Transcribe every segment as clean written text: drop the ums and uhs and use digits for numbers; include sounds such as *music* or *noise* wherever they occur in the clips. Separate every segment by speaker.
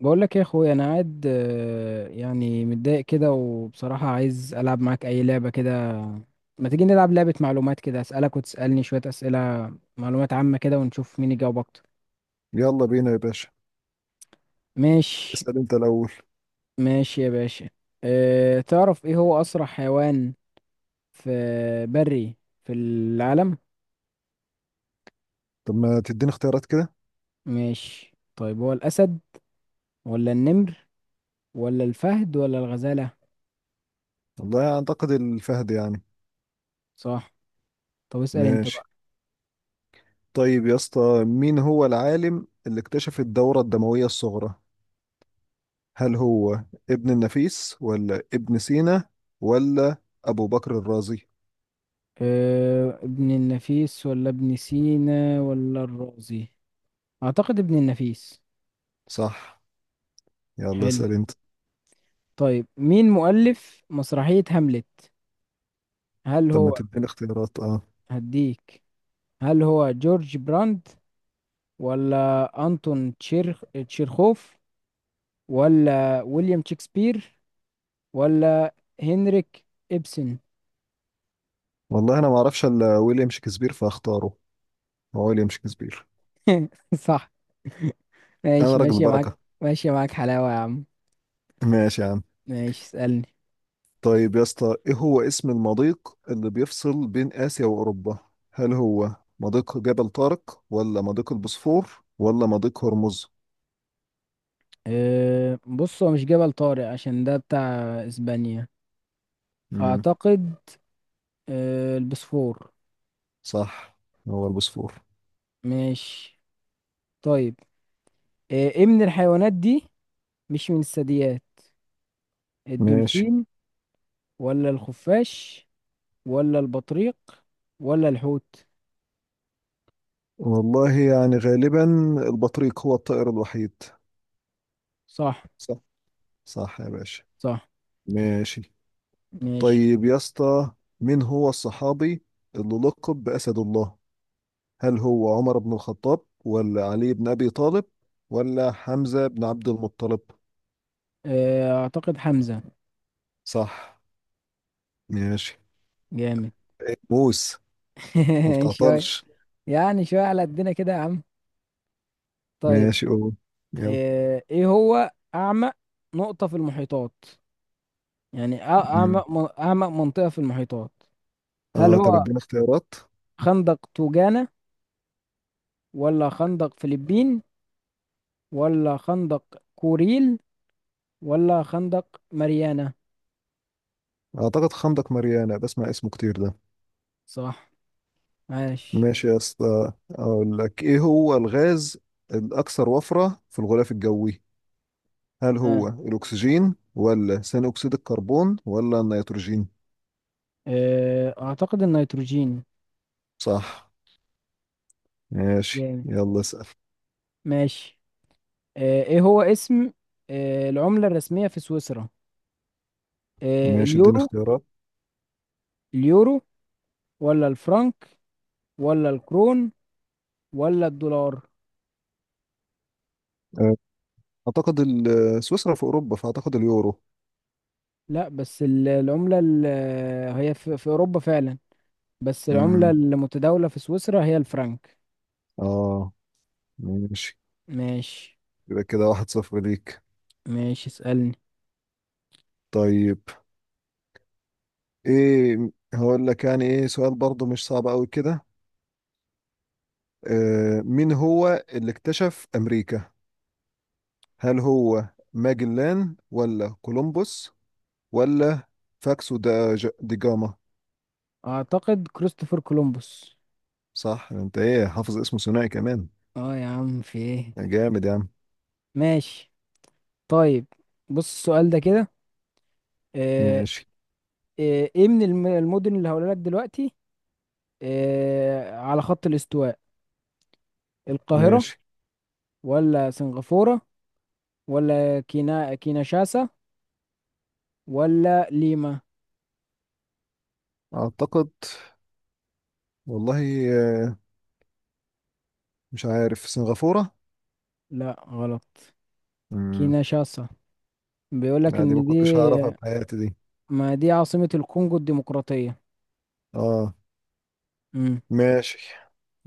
Speaker 1: بقول لك يا اخويا انا قاعد يعني متضايق كده، وبصراحة عايز العب معاك اي لعبة كده. ما تيجي نلعب لعبة معلومات كده، اسالك وتسالني شوية اسئلة معلومات عامة كده، ونشوف مين يجاوب اكتر.
Speaker 2: يلا بينا يا باشا.
Speaker 1: ماشي.
Speaker 2: اسأل انت الأول.
Speaker 1: ماشي يا باشا. أه، تعرف ايه هو اسرع حيوان في بري في العالم؟
Speaker 2: طب ما تديني اختيارات كده.
Speaker 1: ماشي، طيب هو الاسد ولا النمر ولا الفهد ولا الغزالة؟
Speaker 2: والله أعتقد الفهد يعني.
Speaker 1: صح. طب اسال انت
Speaker 2: ماشي.
Speaker 1: بقى.
Speaker 2: طيب يا اسطى، مين هو العالم اللي اكتشف الدورة الدموية الصغرى؟ هل هو ابن النفيس ولا ابن سينا ولا أبو بكر الرازي؟
Speaker 1: ابن النفيس ولا ابن سينا ولا الرازي؟ أعتقد ابن النفيس.
Speaker 2: صح. يلا
Speaker 1: حلو.
Speaker 2: اسأل انت.
Speaker 1: طيب مين مؤلف مسرحية هاملت؟ هل
Speaker 2: طب ما
Speaker 1: هو
Speaker 2: تديني اختيارات
Speaker 1: هديك، هل هو جورج براند، ولا أنتون تشيرخوف، ولا ويليام شكسبير، ولا هنريك إبسن؟
Speaker 2: والله أنا ما أعرفش إلا ويليام شكسبير فاختاره. هو ويليام شكسبير.
Speaker 1: *laughs* صح.
Speaker 2: أنا
Speaker 1: ماشي،
Speaker 2: راجل
Speaker 1: ماشي معاك.
Speaker 2: بركة.
Speaker 1: ماشي معاك حلاوة يا عم.
Speaker 2: ماشي يا عم.
Speaker 1: ماشي اسألني.
Speaker 2: طيب يا اسطى، ايه هو اسم المضيق اللي بيفصل بين آسيا وأوروبا؟ هل هو مضيق جبل طارق ولا مضيق البوسفور ولا مضيق هرمز؟
Speaker 1: أه، بص هو مش جبل طارق عشان ده بتاع اسبانيا،
Speaker 2: امم
Speaker 1: اعتقد. أه، البسفور.
Speaker 2: صح، هو البوسفور.
Speaker 1: ماشي. طيب، أه، ايه من الحيوانات دي مش من الثدييات:
Speaker 2: ماشي.
Speaker 1: الدولفين ولا الخفاش ولا البطريق ولا الحوت؟
Speaker 2: والله يعني غالبا البطريق هو الطائر الوحيد.
Speaker 1: صح.
Speaker 2: صح، صح يا باشا.
Speaker 1: صح.
Speaker 2: ماشي.
Speaker 1: ماشي.
Speaker 2: طيب يا اسطى، مين هو الصحابي اللي لقب بأسد الله؟ هل هو عمر بن الخطاب ولا علي بن أبي طالب ولا حمزة بن عبد المطلب؟
Speaker 1: أه، اعتقد حمزة.
Speaker 2: صح. ماشي.
Speaker 1: جامد.
Speaker 2: موس ما
Speaker 1: *laughs* شوية.
Speaker 2: بتعطلش.
Speaker 1: يعني شوية على قدنا كده يا عم. طيب،
Speaker 2: ماشي، قول يلا.
Speaker 1: أه، ايه هو اعمق نقطة في المحيطات؟ يعني
Speaker 2: مم.
Speaker 1: أعمق أعمق منطقة في المحيطات. هل
Speaker 2: اه طب
Speaker 1: هو
Speaker 2: ادينا اختيارات.
Speaker 1: خندق توجانا، ولا خندق فلبين، ولا خندق كوريل، ولا خندق ماريانا؟
Speaker 2: اعتقد خندق ماريانا بسمع اسمه كتير ده.
Speaker 1: صح. ماشي.
Speaker 2: ماشي يا اسطى، اقول لك ايه هو الغاز الاكثر وفرة في الغلاف الجوي؟ هل
Speaker 1: ها.
Speaker 2: هو الاكسجين ولا ثاني اكسيد الكربون ولا النيتروجين؟
Speaker 1: أعتقد النيتروجين.
Speaker 2: صح. ماشي،
Speaker 1: جامد.
Speaker 2: يلا اسال.
Speaker 1: ماشي. إيه هو اسم العملة الرسمية في سويسرا؟
Speaker 2: ماشي، ادينا
Speaker 1: اليورو،
Speaker 2: اختيارات.
Speaker 1: اليورو ولا الفرنك ولا الكرون ولا الدولار؟
Speaker 2: آه، اعتقد سويسرا في اوروبا فاعتقد اليورو.
Speaker 1: لا بس العملة هي في أوروبا فعلا، بس العملة
Speaker 2: امم
Speaker 1: المتداولة في سويسرا هي الفرنك.
Speaker 2: اه. ماشي.
Speaker 1: ماشي.
Speaker 2: يبقى كده 1-0 ليك.
Speaker 1: ماشي اسألني.
Speaker 2: طيب، ايه هقول لك يعني ايه سؤال برضو مش صعب قوي كده. مين هو اللي اكتشف امريكا؟ هل هو ماجلان ولا كولومبوس ولا فاكسو دا دي جاما؟
Speaker 1: اعتقد كريستوفر كولومبوس.
Speaker 2: صح، انت ايه حافظ اسمه ثنائي كمان.
Speaker 1: اه يا عم في ايه.
Speaker 2: جامد يا عم.
Speaker 1: ماشي. طيب بص السؤال ده كده، آه،
Speaker 2: ماشي،
Speaker 1: ايه من المدن اللي هقولها لك دلوقتي على خط الاستواء: القاهرة،
Speaker 2: ماشي.
Speaker 1: ولا سنغافورة، ولا كينشاسا، ولا ليما؟
Speaker 2: اعتقد والله آه مش عارف سنغافورة.
Speaker 1: لا غلط،
Speaker 2: امم
Speaker 1: كينشاسا. بيقول لك
Speaker 2: لا، دي ما
Speaker 1: ان دي،
Speaker 2: كنتش هعرفها في حياتي دي.
Speaker 1: ما دي عاصمة الكونغو الديمقراطية.
Speaker 2: اه. ماشي.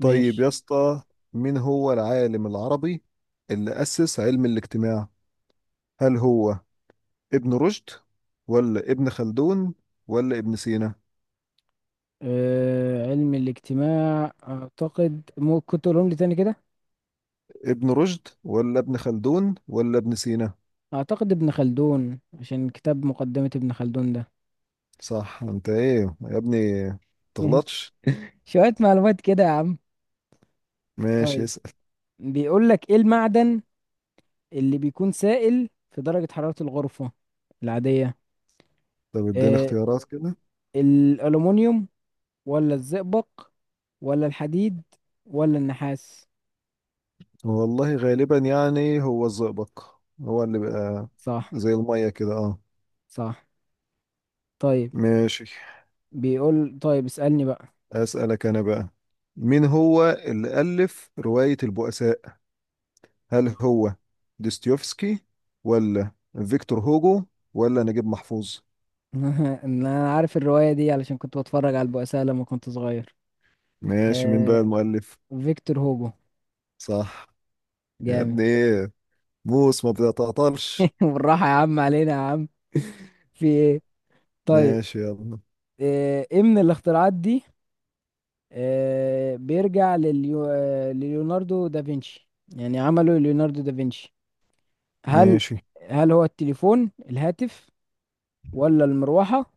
Speaker 2: طيب يا اسطى، مين هو العالم العربي اللي أسس علم الاجتماع؟ هل هو ابن رشد ولا ابن خلدون ولا ابن سينا؟
Speaker 1: أه، علم الاجتماع، اعتقد ممكن تقولهم لي تاني كده.
Speaker 2: ابن رشد ولا ابن خلدون ولا ابن سينا؟
Speaker 1: اعتقد ابن خلدون عشان كتاب مقدمة ابن خلدون ده.
Speaker 2: صح، انت ايه يا ابني تغلطش.
Speaker 1: *laughs* شوية معلومات كده يا عم.
Speaker 2: ماشي،
Speaker 1: طيب
Speaker 2: اسأل.
Speaker 1: بيقول لك ايه المعدن اللي بيكون سائل في درجة حرارة الغرفة العادية؟
Speaker 2: طب اديني
Speaker 1: أه،
Speaker 2: اختيارات كده.
Speaker 1: الألومنيوم ولا الزئبق ولا الحديد ولا النحاس؟
Speaker 2: والله غالبا يعني هو الزئبق. هو اللي بقى
Speaker 1: صح.
Speaker 2: زي المية كده اه.
Speaker 1: صح. طيب
Speaker 2: ماشي.
Speaker 1: بيقول طيب اسألني بقى.
Speaker 2: أسألك أنا بقى. مين هو اللي ألف رواية البؤساء؟ هل هو دوستويفسكي ولا فيكتور هوجو ولا نجيب محفوظ؟
Speaker 1: *laughs* انا عارف الرواية دي علشان كنت بتفرج على البؤساء لما كنت صغير.
Speaker 2: ماشي، مين بقى
Speaker 1: آه...
Speaker 2: المؤلف؟
Speaker 1: فيكتور هوجو.
Speaker 2: صح. يا
Speaker 1: جامد.
Speaker 2: ابني إيه، موس ما بتعطلش.
Speaker 1: *laughs* بالراحة يا عم علينا يا عم. في ايه. طيب،
Speaker 2: ماشي، يلا،
Speaker 1: ايه من الاختراعات دي بيرجع لليوناردو دافنشي، يعني عمله ليوناردو دافنشي؟ هل
Speaker 2: ماشي.
Speaker 1: هل هو التليفون، الهاتف، ولا المروحة،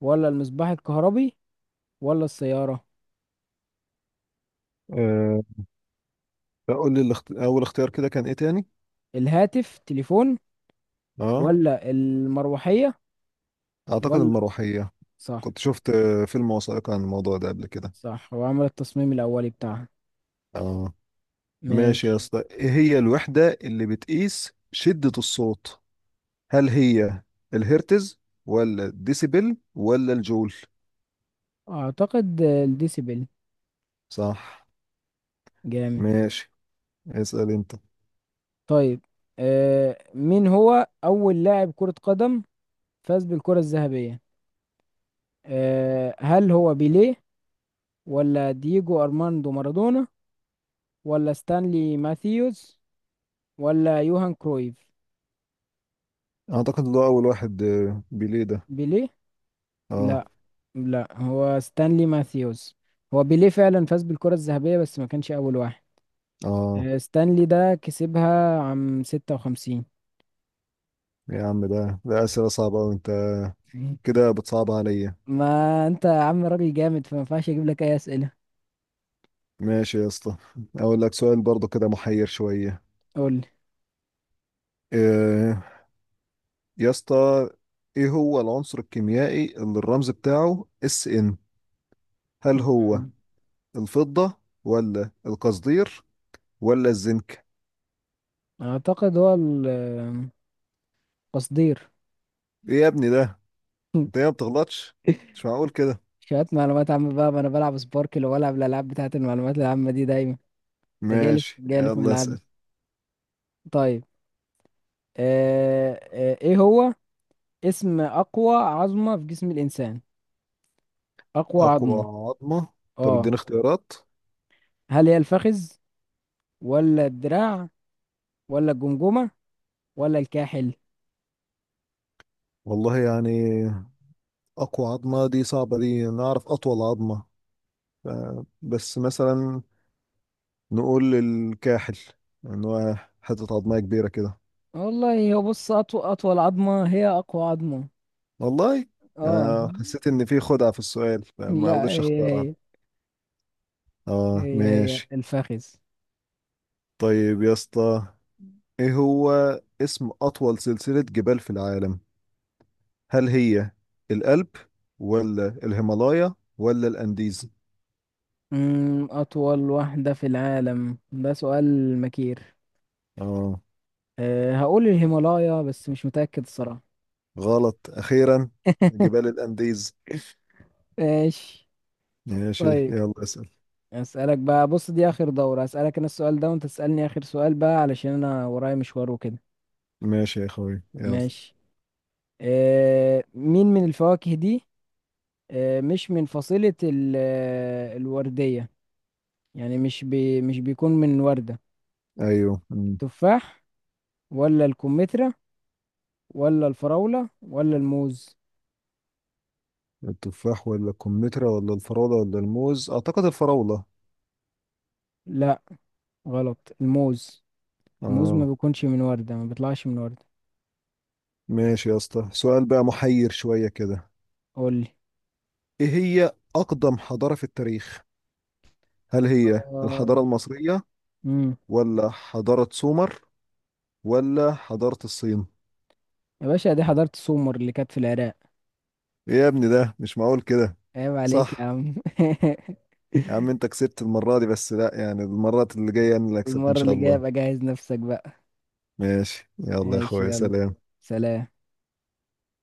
Speaker 1: ولا المصباح الكهربي، ولا السيارة؟
Speaker 2: أه قول لي أول اختيار كده كان إيه تاني؟
Speaker 1: الهاتف تليفون،
Speaker 2: أه
Speaker 1: ولا المروحية،
Speaker 2: أعتقد
Speaker 1: ولا.
Speaker 2: المروحية.
Speaker 1: صح.
Speaker 2: كنت شفت فيلم وثائقي عن الموضوع ده قبل كده.
Speaker 1: صح، هو عمل التصميم الأولي بتاعها.
Speaker 2: أه. ماشي يا
Speaker 1: ماشي.
Speaker 2: اسطى، إيه هي الوحدة اللي بتقيس شدة الصوت؟ هل هي الهرتز ولا الديسيبل ولا الجول؟
Speaker 1: أعتقد الديسيبل.
Speaker 2: صح.
Speaker 1: جامد.
Speaker 2: ماشي، اسأل انت.
Speaker 1: طيب، آه، مين هو أول لاعب كرة قدم فاز بالكرة الذهبية؟ آه، هل هو بيليه، ولا دييجو أرماندو مارادونا، ولا ستانلي ماثيوز، ولا يوهان كرويف؟
Speaker 2: اعتقد إن ده اول واحد، بيليه ده.
Speaker 1: بيليه.
Speaker 2: اه،
Speaker 1: لا، لا، هو ستانلي ماثيوز. هو بيليه فعلا فاز بالكرة الذهبية، بس ما كانش أول واحد.
Speaker 2: اه
Speaker 1: آه، ستانلي ده كسبها عام 56.
Speaker 2: يا عم، ده اسئله صعبه أوي انت كده بتصعب عليا.
Speaker 1: ما انت يا عم راجل جامد، فما ينفعش اجيب لك اي اسئله.
Speaker 2: ماشي يا اسطى، اقول لك سؤال برضو كده محير شويه.
Speaker 1: قول لي.
Speaker 2: آه يا اسطى، ايه هو العنصر الكيميائي اللي الرمز بتاعه Sn؟ هل هو
Speaker 1: مم.
Speaker 2: الفضه ولا القصدير ولا الزنك؟
Speaker 1: اعتقد هو التصدير.
Speaker 2: ايه يا ابني ده، انت ايه ما بتغلطش؟ مش معقول كده.
Speaker 1: *laughs* شوية معلومات عامة بقى، ما انا بلعب سباركل وبلعب الالعاب بتاعت المعلومات العامة دي دايما. انت جالف
Speaker 2: ماشي،
Speaker 1: جالف
Speaker 2: يلا
Speaker 1: ملعبي.
Speaker 2: اسأل.
Speaker 1: طيب، ايه هو اسم اقوى عظمة في جسم الانسان؟ اقوى
Speaker 2: اقوى
Speaker 1: عظمة،
Speaker 2: عظمة؟ طب
Speaker 1: اه.
Speaker 2: اديني اختيارات.
Speaker 1: هل هي الفخذ، ولا الدراع، ولا الجمجمة، ولا الكاحل؟
Speaker 2: والله يعني اقوى عظمة دي صعبة. دي انا اعرف اطول عظمة. ف- بس مثلا نقول الكاحل، ان هو حتة عظمية كبيرة كده.
Speaker 1: والله هو بص اطول عظمة هي اقوى عظمة.
Speaker 2: والله،
Speaker 1: اه.
Speaker 2: حسيت ان في خدعة في السؤال فما
Speaker 1: لا
Speaker 2: رضيتش
Speaker 1: هي
Speaker 2: اختارها.
Speaker 1: هي
Speaker 2: اه.
Speaker 1: هي
Speaker 2: ماشي،
Speaker 1: الفخذ.
Speaker 2: طيب يا اسطى، ايه هو اسم اطول سلسلة جبال في العالم؟ هل هي الألب ولا الهيمالايا ولا الأنديز؟
Speaker 1: أمم، أطول وحدة في العالم، ده سؤال مكير.
Speaker 2: اه،
Speaker 1: أه، هقول الهيمالايا بس مش متأكد الصراحة.
Speaker 2: غلط أخيرا،
Speaker 1: *laughs*
Speaker 2: جبال الأنديز.
Speaker 1: ماشي.
Speaker 2: ماشي،
Speaker 1: طيب
Speaker 2: يلا اسأل.
Speaker 1: أسألك بقى، بص دي آخر دورة، أسألك أنا السؤال ده وأنت تسألني آخر سؤال بقى علشان أنا ورايا مشوار وكده.
Speaker 2: ماشي يا أخوي، يلا.
Speaker 1: ماشي. أه، مين من الفواكه دي أه مش من فصيلة الوردية، يعني مش مش بيكون من وردة:
Speaker 2: أيوه. أمم.
Speaker 1: التفاح، ولا الكمثرى، ولا الفراولة، ولا الموز؟
Speaker 2: التفاح ولا الكمثرى ولا الفراولة ولا الموز؟ أعتقد الفراولة.
Speaker 1: لا غلط، الموز. الموز ما
Speaker 2: اه.
Speaker 1: بيكونش من وردة، ما بيطلعش من وردة.
Speaker 2: ماشي يا اسطى، سؤال بقى محير شوية كده.
Speaker 1: قول لي.
Speaker 2: إيه هي أقدم حضارة في التاريخ؟ هل هي
Speaker 1: آه،
Speaker 2: الحضارة المصرية
Speaker 1: امم.
Speaker 2: ولا حضارة سومر ولا حضارة الصين؟
Speaker 1: يا باشا دي حضرت سومر اللي كانت في العراق.
Speaker 2: ايه يا ابني ده، مش معقول كده.
Speaker 1: عيب عليك يا
Speaker 2: صح.
Speaker 1: عم.
Speaker 2: يا عم،
Speaker 1: *laughs*
Speaker 2: انت كسبت المرة دي، بس لا يعني المرات اللي جاية انا اللي اكسب ان
Speaker 1: المرة
Speaker 2: شاء
Speaker 1: اللي جاية ابقى
Speaker 2: الله.
Speaker 1: جهز نفسك بقى.
Speaker 2: ماشي، يلا يا
Speaker 1: ماشي
Speaker 2: اخويا،
Speaker 1: يلا.
Speaker 2: سلام.
Speaker 1: سلام.